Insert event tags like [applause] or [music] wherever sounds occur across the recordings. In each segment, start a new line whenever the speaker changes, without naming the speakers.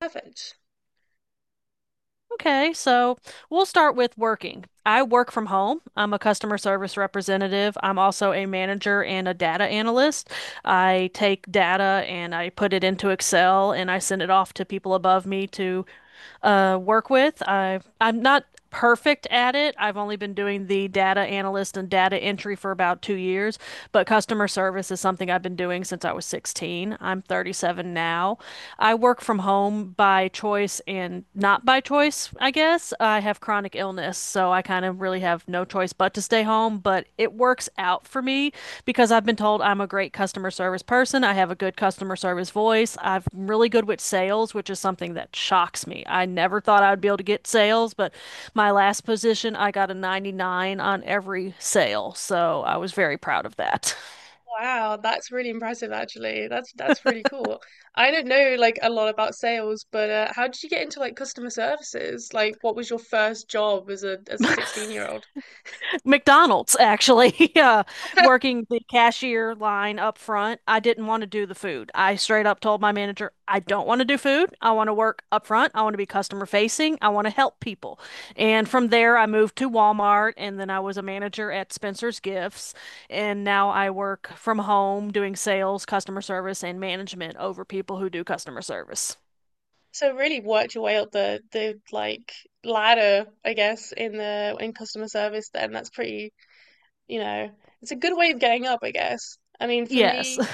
Haven't.
Okay, so we'll start with working. I work from home. I'm a customer service representative. I'm also a manager and a data analyst. I take data and I put it into Excel and I send it off to people above me to work with. I'm not perfect at it. I've only been doing the data analyst and data entry for about 2 years, but customer service is something I've been doing since I was 16. I'm 37 now. I work from home by choice and not by choice, I guess. I have chronic illness, so I kind of really
Mhm.
have no choice but to stay home, but it works out for me because I've been told I'm a great customer service person. I have a good customer service voice. I'm really good with sales, which is something that shocks me. I never thought I'd be able to get sales, but my last position, I got a 99 on every sale. So I was very proud of that. [laughs]
Wow, that's really impressive actually. That's really cool. I don't know like a lot about sales, but how did you get into like customer services? Like what was your first job as a 16-year-old?
McDonald's actually, [laughs]
[laughs]
working the cashier line up front. I didn't want to do the food. I straight up told my manager, I don't want to do food. I want to work up front. I want to be customer facing. I want to help people. And from there, I moved to Walmart and then I was a manager at Spencer's Gifts. And now I work from home doing sales, customer service, and management over people who do customer service.
So really worked your way up the like ladder, I guess, in the in customer service then. That's pretty, you know, it's a good way of getting up, I guess. I mean, for
Yes.
me,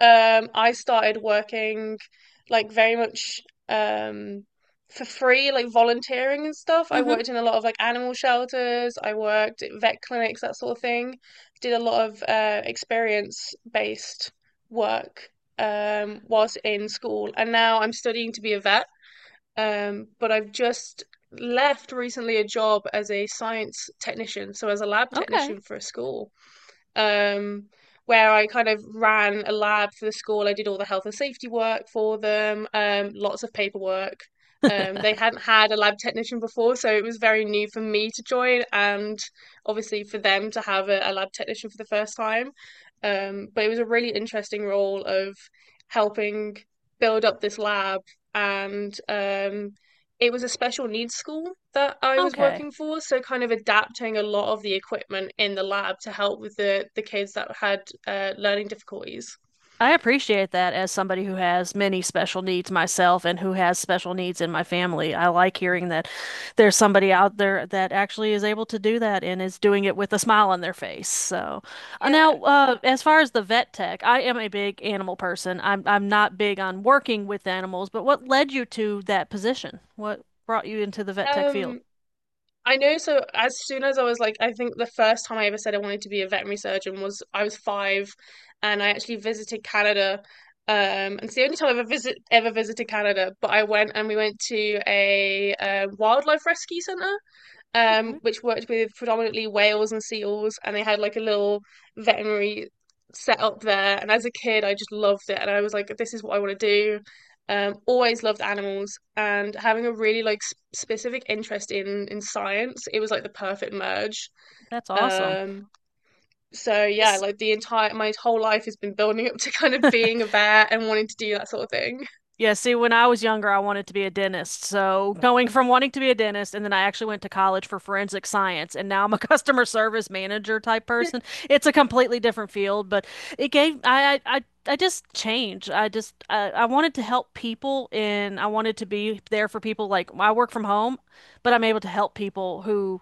I started working like very much um for free, like volunteering and stuff. I
[laughs] hmm
worked in a lot of like animal shelters, I worked at vet clinics, that sort of thing. Did a lot of experience based work whilst in school. And now I'm studying to be a vet. But I've just left recently a job as a science technician, so as a lab
Okay.
technician for a school um, where I kind of ran a lab for the school. I did all the health and safety work for them, lots of paperwork. They hadn't had a lab technician before, so it was very new for me to join, and obviously for them to have a lab technician for the first time. But it was a really interesting role of helping build up this lab and it was a special needs school that I was
Okay.
working for, so kind of adapting a lot of the equipment in the lab to help with the kids that had learning difficulties.
I appreciate that as somebody who has many special needs myself and who has special needs in my family. I like hearing that there's somebody out there that actually is able to do that and is doing it with a smile on their face. So,
Yeah.
now, as far as the vet tech, I am a big animal person. I'm not big on working with animals, but what led you to that position? What brought you into the vet tech field?
Um, I know. So as soon as I was like, I think the first time I ever said I wanted to be a veterinary surgeon was I was five, and I actually visited Canada. Um, and it's the only time I've ever visited Canada. But I went and we went to a wildlife rescue center,
Okay,
which worked with predominantly whales and seals, and they had like a little veterinary set up there. And as a kid, I just loved it, and I was like, this is what I want to do. Always loved animals, and having a really specific interest in science, it was like the perfect merge.
that's awesome.
Um, so yeah,
Is
like the entire my whole life has been building up to kind of being a vet and wanting to do that sort of thing.
Yeah, see, when I was younger, I wanted to be a dentist. So going from wanting to be a dentist, and then I actually went to college for forensic science, and now I'm a [laughs] customer service manager type person. It's a completely different field, but it gave I just changed. I wanted to help people, and I wanted to be there for people. Like I work from home, but I'm able to help people who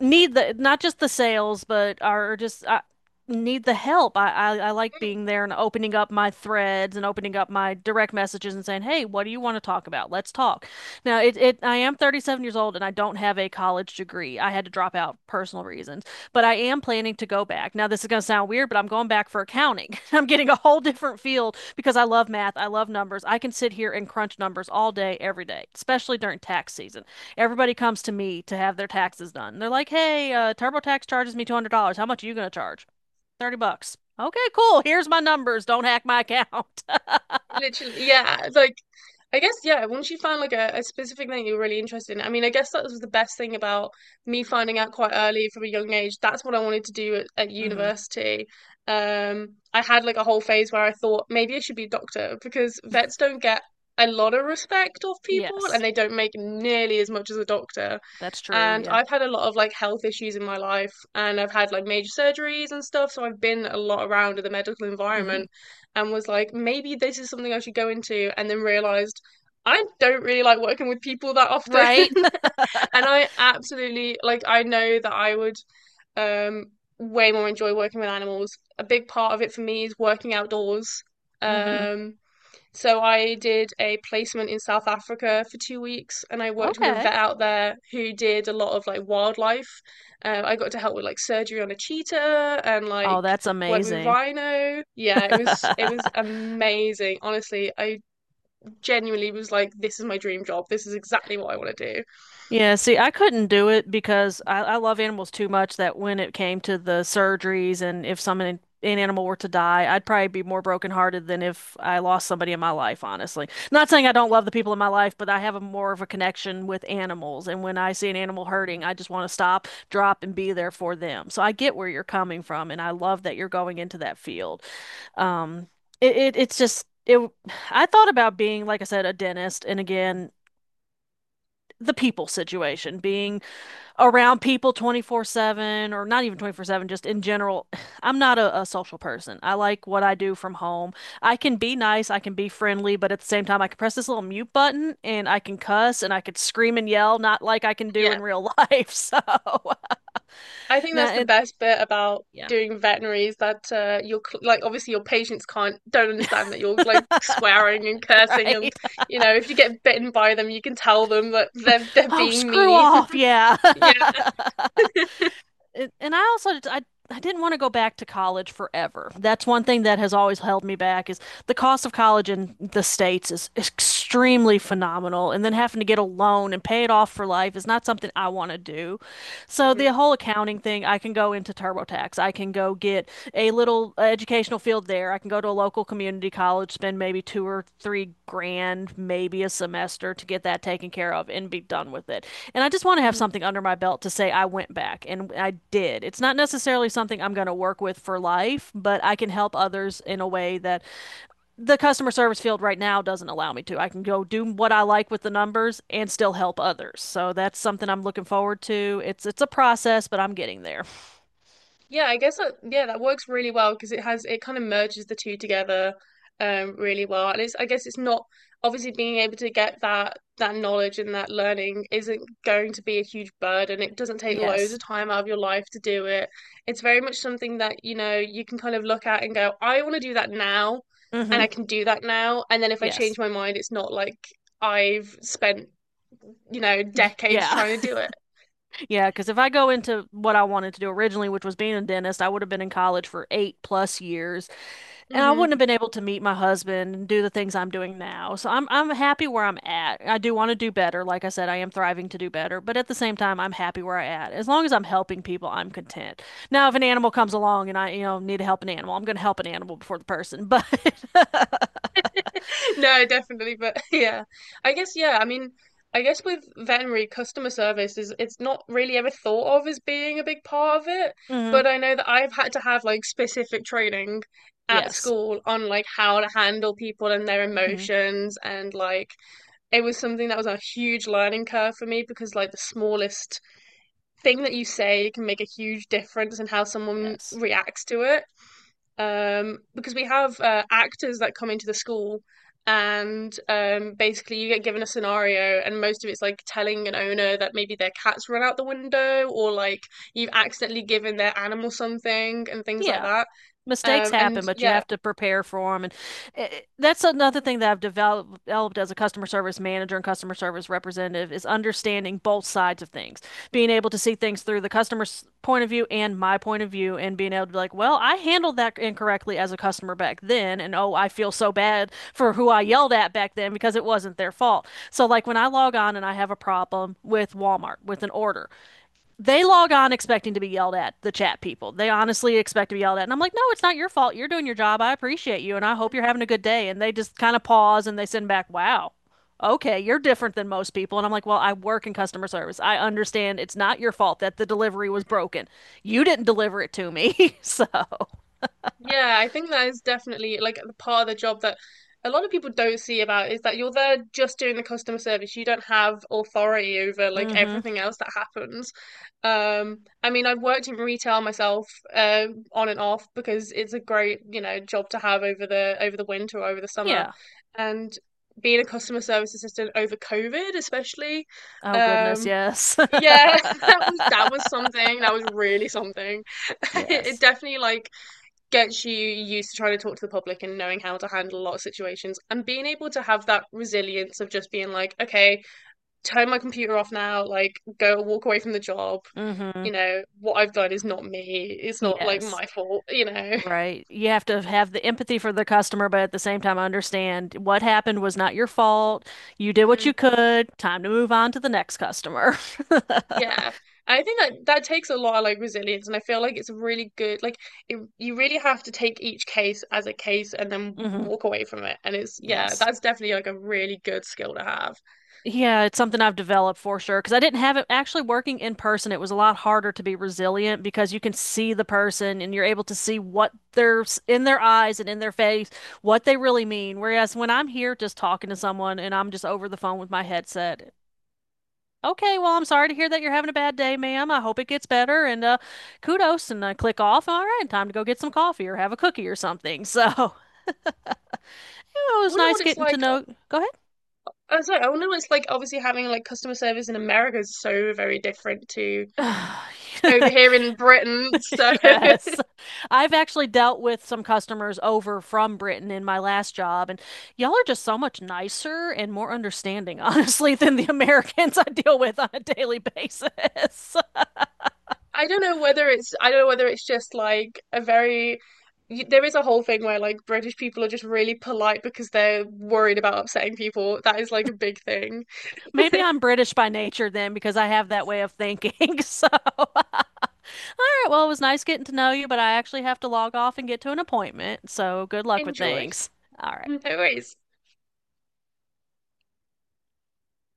need the not just the sales, but are just I need the help. I like
[laughs]
being there and opening up my threads and opening up my direct messages and saying, "Hey, what do you want to talk about? Let's talk." Now, it I am 37 years old and I don't have a college degree. I had to drop out personal reasons, but I am planning to go back. Now, this is going to sound weird, but I'm going back for accounting. [laughs] I'm getting a whole different field because I love math. I love numbers. I can sit here and crunch numbers all day, every day, especially during tax season. Everybody comes to me to have their taxes done. They're like, "Hey, TurboTax charges me $200. How much are you going to charge?" $30. Okay, cool. Here's my numbers. Don't hack my account.
Literally, yeah. Like, I guess, yeah, once you find like a specific thing you're really interested in, I mean, I guess that was the best thing about me finding out quite early from a young age. That's what I wanted to do at
[laughs] hmm
university. I had like a whole phase where I thought maybe I should be a doctor because vets don't get a lot of respect off people and
Yes,
they don't make nearly as much as a doctor.
that's true.
And
Yeah.
I've had a lot of like health issues in my life and I've had like major surgeries and stuff, so I've been a lot around in the medical environment
hmm
and was like, maybe this is something I should go into, and then realized I don't really like working with people that often. [laughs]
Right?
And I absolutely like, I know that I would um, way more enjoy working with animals. A big part of it for me is working outdoors.
[laughs] hmm
Um, so I did a placement in South Africa for 2 weeks, and I worked with a
Okay.
vet out there who did a lot of like wildlife. I got to help with like surgery on a cheetah and like
Oh, that's
work with
amazing.
rhino. Yeah,
[laughs]
it was amazing. Honestly, I genuinely was like, this is my dream job. This is exactly what I want to do.
Yeah, see, I couldn't do it because I love animals too much that when it came to the surgeries and if someone an animal were to die, I'd probably be more brokenhearted than if I lost somebody in my life, honestly. Not saying I don't love the people in my life, but I have a more of a connection with animals. And when I see an animal hurting, I just want to stop, drop, and be there for them. So I get where you're coming from, and I love that you're going into that field. Um, it it's just it, I thought about being, like I said, a dentist, and again, the people situation, being around people 24/7 or not even 24/7 just in general. [sighs] I'm not a social person. I like what I do from home. I can be nice, I can be friendly, but at the same time I can press this little mute button and I can cuss and I could scream and yell not like I can do
Yeah.
in real life. [laughs] So
I think
now
that's the
and
best bit about
yeah,
doing veterinary is that like obviously your patients can't don't understand that you're like swearing and
[laughs]
cursing and
right.
you know if you get bitten by them you can tell them that they're
Oh,
being
screw
mean. [laughs]
off. Yeah.
Yeah.
[laughs] And I didn't want to go back to college forever. That's one thing that has always held me back is the cost of college in the States is extremely phenomenal, and then having to get a loan and pay it off for life is not something I want to do. So the
Hmm.
whole accounting thing, I can go into TurboTax. I can go get a little educational field there. I can go to a local community college, spend maybe 2 or 3 grand, maybe a semester to get that taken care of and be done with it. And I just want to have
Hmm.
something under my belt to say I went back and I did. It's not necessarily something I'm going to work with for life, but I can help others in a way that the customer service field right now doesn't allow me to. I can go do what I like with the numbers and still help others. So that's something I'm looking forward to. It's a process, but I'm getting there.
Yeah, I guess that, yeah, that works really well because it kind of merges the two together really well. And it's, I guess it's not obviously being able to get that knowledge and that learning isn't going to be a huge burden. It doesn't take loads of
Yes.
time out of your life to do it. It's very much something that, you know, you can kind of look at and go, I want to do that now and
hmm
I can do that now. And then if I change
Yes.
my mind, it's not like I've spent, you know, decades
Yeah.
trying to do
[laughs]
it.
Yeah, because if I go into what I wanted to do originally, which was being a dentist, I would have been in college for 8 plus years, and I wouldn't
Hmm.
have been able to meet my husband and do the things I'm doing now. So I'm happy where I'm at. I do want to do better. Like I said, I am thriving to do better, but at the same time, I'm happy where I at. As long as I'm helping people, I'm content. Now, if an animal comes along and I, you know, need to help an animal, I'm going to help an animal before the person. [laughs] But
[laughs] No, definitely, but [laughs] yeah. I guess, yeah, I mean, I guess with veterinary customer service is it's not really ever thought of as being a big part of it,
Mhm.
but I know that I've had to have like specific training at
yes.
school on like how to handle people and their
Mhm.
emotions and like it was something that was a huge learning curve for me because like the smallest thing that you say can make a huge difference in how someone
Yes.
reacts to it, because we have actors that come into the school, and basically you get given a scenario, and most of it's like telling an owner that maybe their cat's run out the window, or like you've accidentally given their animal something, and things like
Yeah.
that.
Mistakes
Um, and
happen, but you
yeah,
have to prepare for them. And that's another thing that developed as a customer service manager and customer service representative is understanding both sides of things, being able to see things through the customer's point of view and my point of view, and being able to be like, well, I handled that incorrectly as a customer back then, and oh, I feel so bad for who I yelled at back then because it wasn't their fault. So like when I log on and I have a problem with Walmart with an order, they log on expecting to be yelled at, the chat people. They honestly expect to be yelled at. And I'm like, no, it's not your fault. You're doing your job. I appreciate you and I hope you're having a good day. And they just kind of pause and they send back, wow, okay, you're different than most people. And I'm like, well, I work in customer service. I understand it's not your fault that the delivery was broken. You didn't deliver it to me. [laughs] so,
Yeah, I think that is definitely like the part of the job that a lot of people don't see about is that you're there just doing the customer service. You don't have authority over like
mm hmm.
everything else that happens. I mean, I've worked in retail myself, on and off because it's a great, you know, job to have over the winter or over the summer.
Yeah.
And being a customer service assistant over COVID, especially,
Oh, goodness.
um,
Yes.
yeah, [laughs] that was something. That was really something.
[laughs]
[laughs] It
yes.
definitely like gets you used to trying to talk to the public and knowing how to handle a lot of situations and being able to have that resilience of just being like, okay, turn my computer off now, like go walk away from the job.
Mm hmm.
You know, what I've done is not me. It's not like
Yes.
my fault, you know.
Right. You have to have the empathy for the customer, but at the same time, understand what happened was not your fault. You did what you
[laughs]
could. Time to move on to the next customer.
Yeah. I think that that takes a lot of like resilience and I feel like it's really good like it, you really have to take each case as a case and then
[laughs] hmm
walk away from it and it's, yeah,
Yes.
that's definitely like a really good skill to have.
Yeah, it's something I've developed for sure because I didn't have it actually working in person. It was a lot harder to be resilient because you can see the person and you're able to see in their eyes and in their face, what they really mean. Whereas when I'm here just talking to someone and I'm just over the phone with my headset, okay, well, I'm sorry to hear that you're having a bad day, ma'am. I hope it gets better and kudos and I click off. All right, time to go get some coffee or have a cookie or something. So, [laughs] you know, it
I
was
wonder what
nice
it's
getting to
like.
know. Go
I was like, oh no, it's like obviously having like customer service in America is so very different to over
ahead. [sighs]
here
[laughs]
in Britain. So
Yes. I've actually dealt with some customers over from Britain in my last job, and y'all are just so much nicer and more understanding, [laughs] honestly, than the Americans I deal with on a daily basis.
[laughs] I don't know whether it's, I don't know whether it's just like a very, there is a whole thing where like British people are just really polite because they're worried about upsetting people. That is like a big thing.
[laughs] Maybe I'm
[laughs]
British by nature then because I have that way of thinking. [laughs] So right, well, it was nice getting to know you, but I actually have to log off and get to an appointment. So good luck with
Enjoy.
things. All
No
right.
worries.